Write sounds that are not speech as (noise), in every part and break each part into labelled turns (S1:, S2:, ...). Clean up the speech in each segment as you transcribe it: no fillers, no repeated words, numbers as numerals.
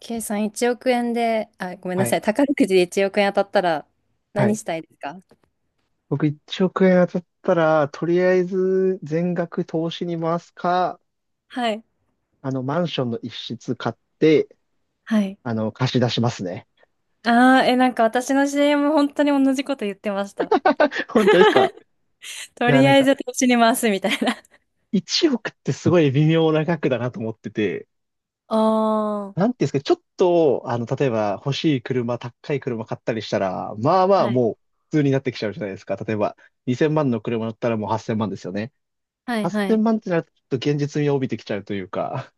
S1: K さん1億円で、あ、ごめんな
S2: はい。
S1: さい、宝くじで1億円当たったら
S2: は
S1: 何
S2: い。
S1: したいですか？
S2: 僕1億円当たったら、とりあえず全額投資に回すか、
S1: はい。
S2: マンションの一室買って、
S1: はい。
S2: 貸し出しますね。
S1: ああ、え、なんか私の c も本当に同じこと言ってました。
S2: (laughs) 本当ですか？
S1: と
S2: いや、
S1: り
S2: なん
S1: あえ
S2: か、
S1: ず投資に回すみたいな。
S2: 1億ってすごい微妙な額だなと思ってて、
S1: ああ、
S2: なんていうんですか、ちょっと、例えば欲しい車、高い車買ったりしたら、まあまあ
S1: はい。
S2: もう普通になってきちゃうじゃないですか。例えば、2000万の車乗ったらもう8000万ですよね。
S1: はい、は
S2: 8000
S1: い。
S2: 万ってなると、ちょっと現実味を帯びてきちゃうというか、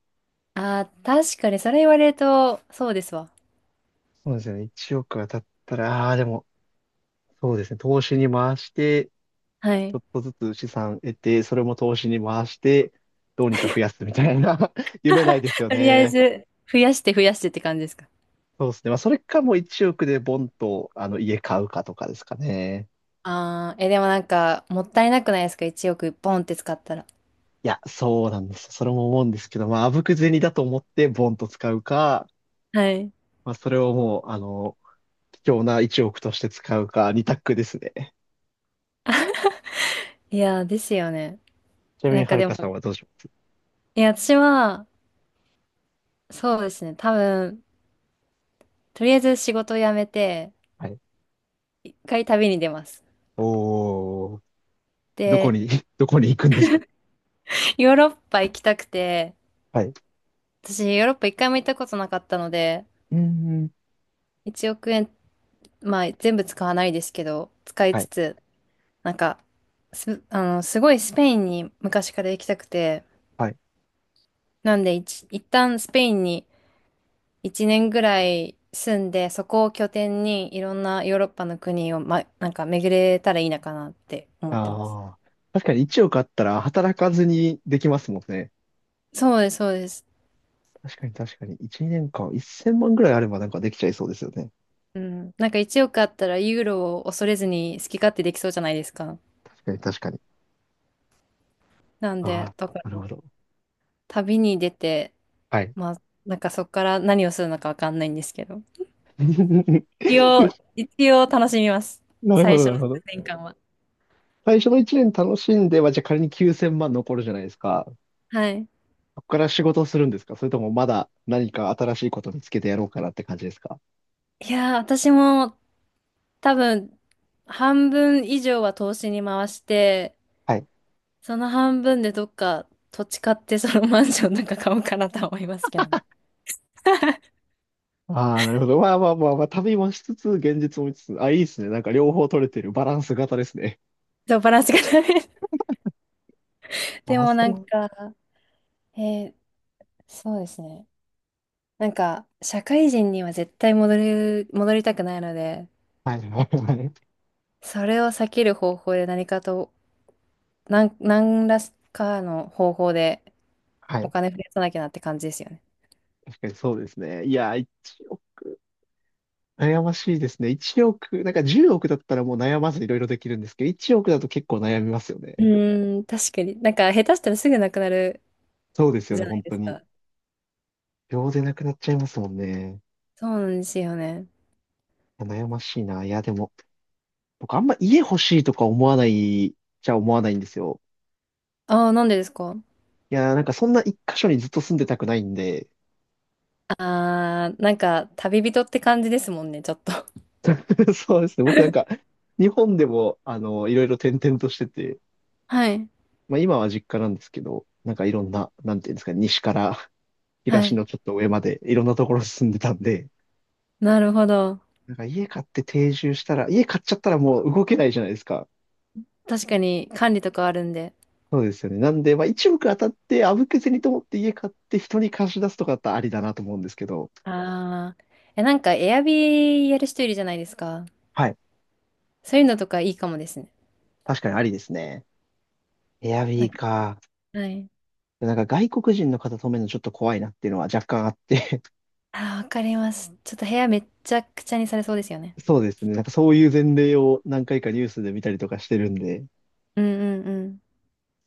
S1: ああ、確かにそれ言われると、そうですわ。
S2: そうですよね。1億当たったら、ああ、でも、そうですね。投資に回して、
S1: は
S2: ちょ
S1: い。
S2: っとずつ資産得て、それも投資に回して、どうにか増やすみたいな (laughs) 夢ないですよ
S1: とりあえ
S2: ね。
S1: ず、増やして増やしてって感じですか？
S2: そうですね。まあ、それかもう1億でボンと、家買うかとかですかね。
S1: ああー、え、でもなんか、もったいなくないですか？ 1 億ポンって使ったら。
S2: いや、そうなんですよ。それも思うんですけど、まあ、あぶく銭だと思ってボンと使うか、
S1: はい。
S2: まあ、それをもう、貴重な1億として使うか、2択ですね。
S1: いやー、ですよね。
S2: ちなみ
S1: な
S2: に、
S1: ん
S2: は
S1: か
S2: る
S1: で
S2: か
S1: も、
S2: さんはどうします？
S1: いや、私は、そうですね。多分、とりあえず仕事を辞めて、
S2: はい。
S1: 一回旅に出ます。
S2: おー、どこ
S1: で、
S2: に、(laughs) どこに行くんですか？
S1: ヨーロッパ行きたくて、
S2: はい。う
S1: 私ヨーロッパ一回も行ったことなかったので、
S2: ーん。
S1: 1億円、まあ全部使わないですけど、使い
S2: は
S1: つ
S2: い。
S1: つ、なんか、す、あの、すごいスペインに昔から行きたくて、
S2: はい。
S1: なんで一旦スペインに1年ぐらい住んで、そこを拠点にいろんなヨーロッパの国を、ま、なんか巡れたらいいなかなって思ってます。
S2: ああ。確かに1億あったら働かずにできますもんね。
S1: そうです、そうです。
S2: 確かに確かに。1年間1000万ぐらいあればなんかできちゃいそうですよね。
S1: うん、なんか1億あったらユーロを恐れずに好き勝手できそうじゃないですか。
S2: 確かに確かに。
S1: なんで、
S2: あ
S1: だか
S2: あ、なる
S1: ら
S2: ほど。
S1: 旅に出て、
S2: はい。
S1: まあ、なんかそこから何をするのかわかんないんですけど。
S2: (laughs)
S1: 一
S2: で、
S1: 応、一応楽しみます。
S2: なるほ
S1: 最
S2: ど
S1: 初
S2: な
S1: の
S2: る
S1: 数
S2: ほど。
S1: 年間は。
S2: 最初の1年楽しんでは、じゃあ仮に9000万残るじゃないですか。
S1: はい。
S2: そこから仕事をするんですか？それともまだ何か新しいこと見つけてやろうかなって感じですか？
S1: いやー、私も多分半分以上は投資に回して、
S2: はい。
S1: その半分でどっか土地買ってそのマンションなんか買おうかなとは思いますけどね。(laughs)
S2: ああ、なるほど。まあまあまあまあ、旅もしつつ、現実も見つつ、あ、いいですね。なんか両方取れてるバランス型ですね。
S1: そう、バランスがダメ。で
S2: ああ、
S1: もな
S2: そ
S1: ん
S2: う。
S1: か、えーそうですね。なんか、社会人には絶対戻りたくないので、
S2: はい、はい、(laughs) はい。
S1: それを避ける方法で何かと、何らかの方法で
S2: は
S1: お
S2: い。
S1: 金増やさなきゃなって感じですよね。
S2: 確かにそうですね。いや、一億、悩ましいですね。1億、なんか10億だったらもう悩まずいろいろできるんですけど、1億だと結構悩みますよ
S1: う
S2: ね。
S1: ーん、確かに。なんか、下手したらすぐなくなる
S2: そうですよ
S1: じ
S2: ね、
S1: ゃない
S2: 本
S1: で
S2: 当
S1: す
S2: に。
S1: か。
S2: 秒でなくなっちゃいますもんね。
S1: そうなんですよね。
S2: いや悩ましいな。いや、でも、僕あんま家欲しいとか思わないじゃ思わないんですよ。
S1: ああ、なんでですか？
S2: いや、なんかそんな一箇所にずっと住んでたくないんで、
S1: ああー、なんか、旅人って感じですもんね、ちょっと。(laughs)
S2: (laughs) そうですね。僕なんか、日本でも、いろいろ転々としてて、
S1: はい。
S2: まあ今は実家なんですけど、なんかいろんな、なんていうんですかね、西から
S1: は
S2: 東
S1: い。
S2: のちょっと上までいろんなところ進んでたんで、
S1: なるほど。
S2: なんか家買って定住したら、家買っちゃったらもう動けないじゃないですか。
S1: 確かに、管理とかあるんで。
S2: そうですよね。なんで、まあ一目当たってあぶけずにと思って家買って人に貸し出すとかだったらありだなと思うんですけど、
S1: ああ。え、なんか、エアビーやる人いるじゃないですか。
S2: はい。
S1: そういうのとかいいかもですね。
S2: 確かにありですね。エア
S1: なん
S2: ビー
S1: か、
S2: か。
S1: はい。
S2: なんか外国人の方止めるのちょっと怖いなっていうのは若干あって。
S1: あー、わかります。ちょっと部屋めっちゃくちゃにされそうですよね。
S2: (laughs) そうですね。なんかそういう前例を何回かニュースで見たりとかしてるんで、
S1: うんうんうん。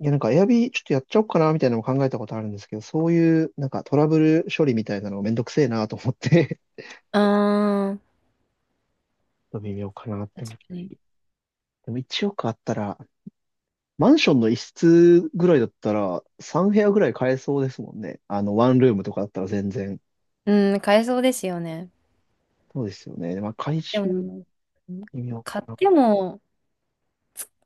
S2: いや、なんか、エアビーちょっとやっちゃおうかな、みたいなのも考えたことあるんですけど、そういう、なんか、トラブル処理みたいなのめんどくせえなと思って。
S1: ああ、
S2: (laughs) ちょっと微妙かなって
S1: 確
S2: 思
S1: か
S2: ったり。
S1: に。
S2: でも、1億あったら、マンションの一室ぐらいだったら、3部屋ぐらい買えそうですもんね。ワンルームとかだったら全然。
S1: うん、買えそうですよね。
S2: そうですよね。まあ、回
S1: で
S2: 収、
S1: も、
S2: 微妙
S1: 買っ
S2: かな。
S1: ても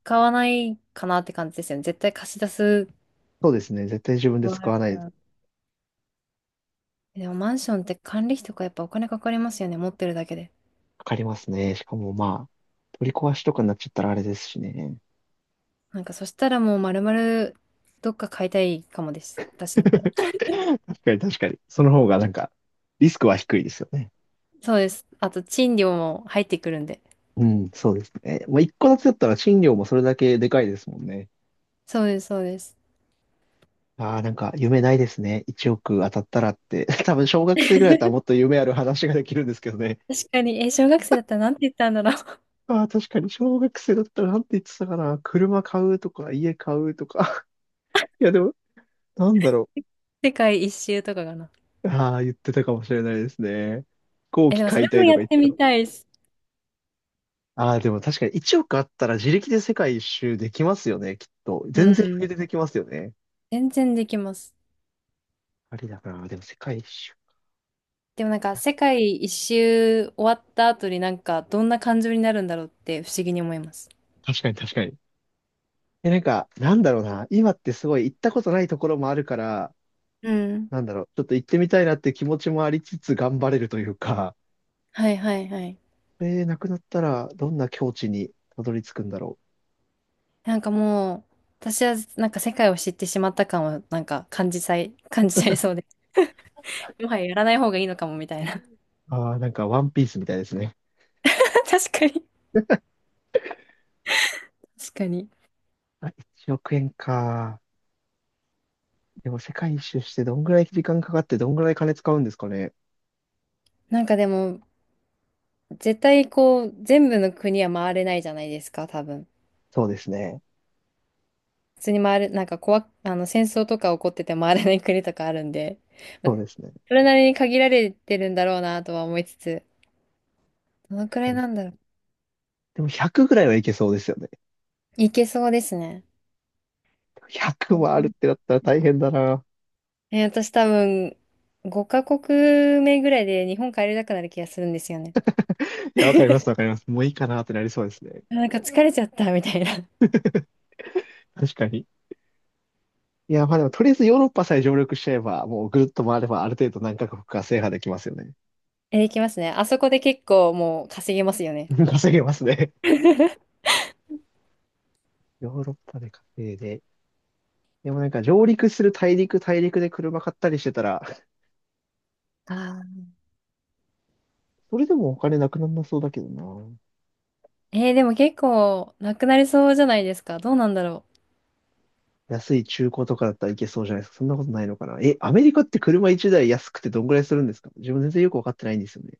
S1: 買わないかなって感じですよね。絶対貸し出す
S2: そうですね。絶対自分で
S1: のあ
S2: 使
S1: る
S2: わない
S1: か
S2: です。
S1: ら。でもマンションって管理費とかやっぱお金かかりますよね。持ってるだけで。
S2: かかりますね。しかも、まあ、取り壊しとかになっちゃったらあれですしね。
S1: なんかそしたらもう丸々どっか買いたいかもです。
S2: (laughs)
S1: 私だったら。
S2: 確かに、確かに。その方が、なんか、リスクは低いですよね。
S1: そうです。あと賃料も入ってくるんで。
S2: うん、そうですね。まあ、一個ずつだったら賃料もそれだけでかいですもんね。
S1: そうです、そうです。
S2: ああ、なんか夢ないですね。1億当たったらって。(laughs) 多分小学生ぐらいだったらもっと夢ある話ができるんですけどね。
S1: 確かに、え、小学生だったらなんて言ったんだろう。(laughs)
S2: ああ、確かに小学生だったらなんて言ってたかな。車買うとか、家買うとか。(laughs) いや、でも、なんだろ
S1: 世界一周とかかな。
S2: う。ああ、言ってたかもしれないですね。飛行
S1: え、
S2: 機
S1: でもそ
S2: 買
S1: れ
S2: いた
S1: も
S2: いと
S1: や
S2: か
S1: っ
S2: 言って
S1: て
S2: た
S1: み
S2: の。
S1: たいです。
S2: ああ、でも確かに1億あったら自力で世界一周できますよね、きっと。
S1: う
S2: 全然余
S1: ん。
S2: 裕でできますよね。
S1: 全然できます。
S2: ありだな。でも世界一周。
S1: でもなんか、世界一周終わった後になんか、どんな感情になるんだろうって不思議に思います。
S2: 確かに確かに。え、なんか、なんだろうな。今ってすごい行ったことないところもあるから、
S1: うん。
S2: なんだろう。ちょっと行ってみたいなって気持ちもありつつ頑張れるというか、
S1: はいはいはい。
S2: なくなったらどんな境地にたどり着くんだろ
S1: なんかもう、私はなんか世界を知ってしまった感をなんか感じさい、(laughs) 感じちゃいそうで。もはややらない方がいいのかもみたいな。
S2: う。ああ、なんかワンピースみたいですね。
S1: (laughs) 確かに。確かに。
S2: あ、1億円か。でも世界一周してどんぐらい時間かかってどんぐらい金使うんですかね。
S1: なんかでも、絶対こう、全部の国は回れないじゃないですか、多分。
S2: そうですね。
S1: 普通に回る、なんか怖、あの、戦争とか起こってて回らない国とかあるんで、ま
S2: そ
S1: あ
S2: うですね。
S1: それなりに限られてるんだろうなとは思いつつ、どのくら
S2: は
S1: い
S2: い。
S1: なんだろう。
S2: でも100ぐらいはいけそうですよね。
S1: いけそうですね。
S2: 100もあるってなったら大変だな。
S1: 私多分、5カ国目ぐらいで日本帰りたくなる気がするんですよね。
S2: いや、わかります、わかります。もういいかなってなりそうですね。
S1: なんか疲れちゃったみたいな。(laughs)
S2: 確かに。いや、まあでも、とりあえずヨーロッパさえ上陸しちゃえば、もうぐるっと回れば、ある程度何カ国か制覇できますよね。
S1: えいきますね。あそこで結構もう稼げますよね。
S2: (laughs) 稼げますね。(laughs) ヨーロッパで稼いで。でもなんか、上陸する大陸、大陸で車買ったりしてたら、
S1: あ
S2: (laughs) それでもお金なくなんなそうだけどな。
S1: でも結構なくなりそうじゃないですか。どうなんだろ
S2: 安い中古とかだったらいけそうじゃないですか。そんなことないのかな。え、アメリカって車1台安くてどんぐらいするんですか？自分全然よくわかってないんですよね。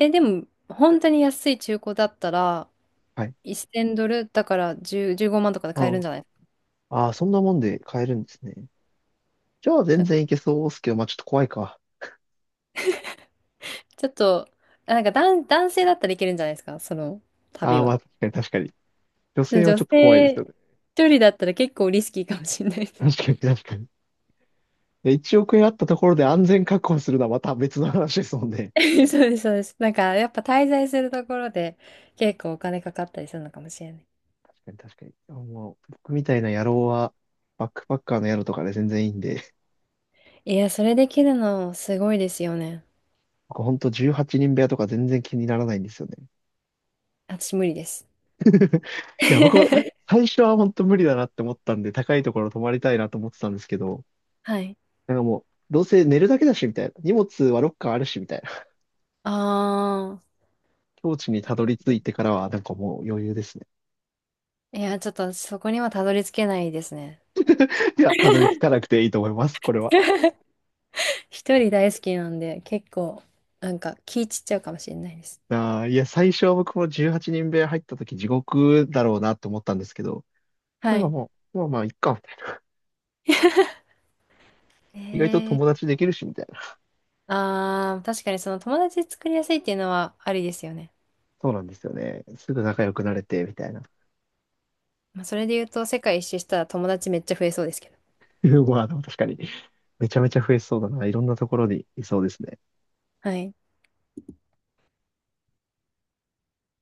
S1: う。でも本当に安い中古だったら、
S2: はい。
S1: 1000ドルだから15万とかで買え
S2: あ
S1: るんじゃない？
S2: あ、ああそんなもんで買えるんですね。じゃあ
S1: な
S2: 全
S1: んか
S2: 然いけそうですけど、まあちょっと怖いか。
S1: ちょっと、なんか男性だったらいけるんじゃないですか、その
S2: あ
S1: 旅
S2: あ、ま
S1: は。
S2: あ確かに確かに。女
S1: で
S2: 性は
S1: 女
S2: ちょっと怖いで
S1: 性
S2: す
S1: 一
S2: よね。
S1: 人だったら結構リスキーかもしれないです。
S2: 確かに確かに。で、1億円あったところで安全確保するのはまた別の話ですもんね。
S1: (laughs) そうです、そうです。なんかやっぱ滞在するところで結構お金かかったりするのかもしれない。
S2: 確かに確かに。もう、僕みたいな野郎は、バックパッカーの野郎とかで全然いいんで、
S1: いや、それできるのすごいですよね。
S2: 僕ほんと18人部屋とか全然気にならないんですよね。
S1: 私無理です。
S2: (laughs) いや、僕は、
S1: (laughs)
S2: 最初は本当無理だなって思ったんで、高いところ泊まりたいなと思ってたんですけど、
S1: はい。
S2: なんかもう、どうせ寝るだけだし、みたいな。荷物はロッカーあるし、みたいな。
S1: ああ。
S2: 境地にたどり着いてからは、なんかもう余裕ですね。
S1: いや、ちょっとそこにはたどり着けないですね。
S2: いや、たどり着かなくていいと思います。これは。
S1: (laughs) 一人大好きなんで、結構、なんか気散っちゃうかもしれないです。
S2: あーいや、最初は僕も18人部屋入った時地獄だろうなと思ったんですけど、な
S1: は
S2: んか
S1: い。
S2: もう、まあまあ、いっか、みたいな。意外と
S1: えー、
S2: 友達できるし、みたいな。
S1: あー、確かにその友達作りやすいっていうのはありですよね。
S2: そうなんですよね。すぐ仲良くなれて、みたいな。
S1: まあ、それで言うと、世界一周したら友達めっちゃ増えそうですけど。
S2: (laughs) まあ、でも確かに、めちゃめちゃ増えそうだな。いろんなところにいそうですね。
S1: はい。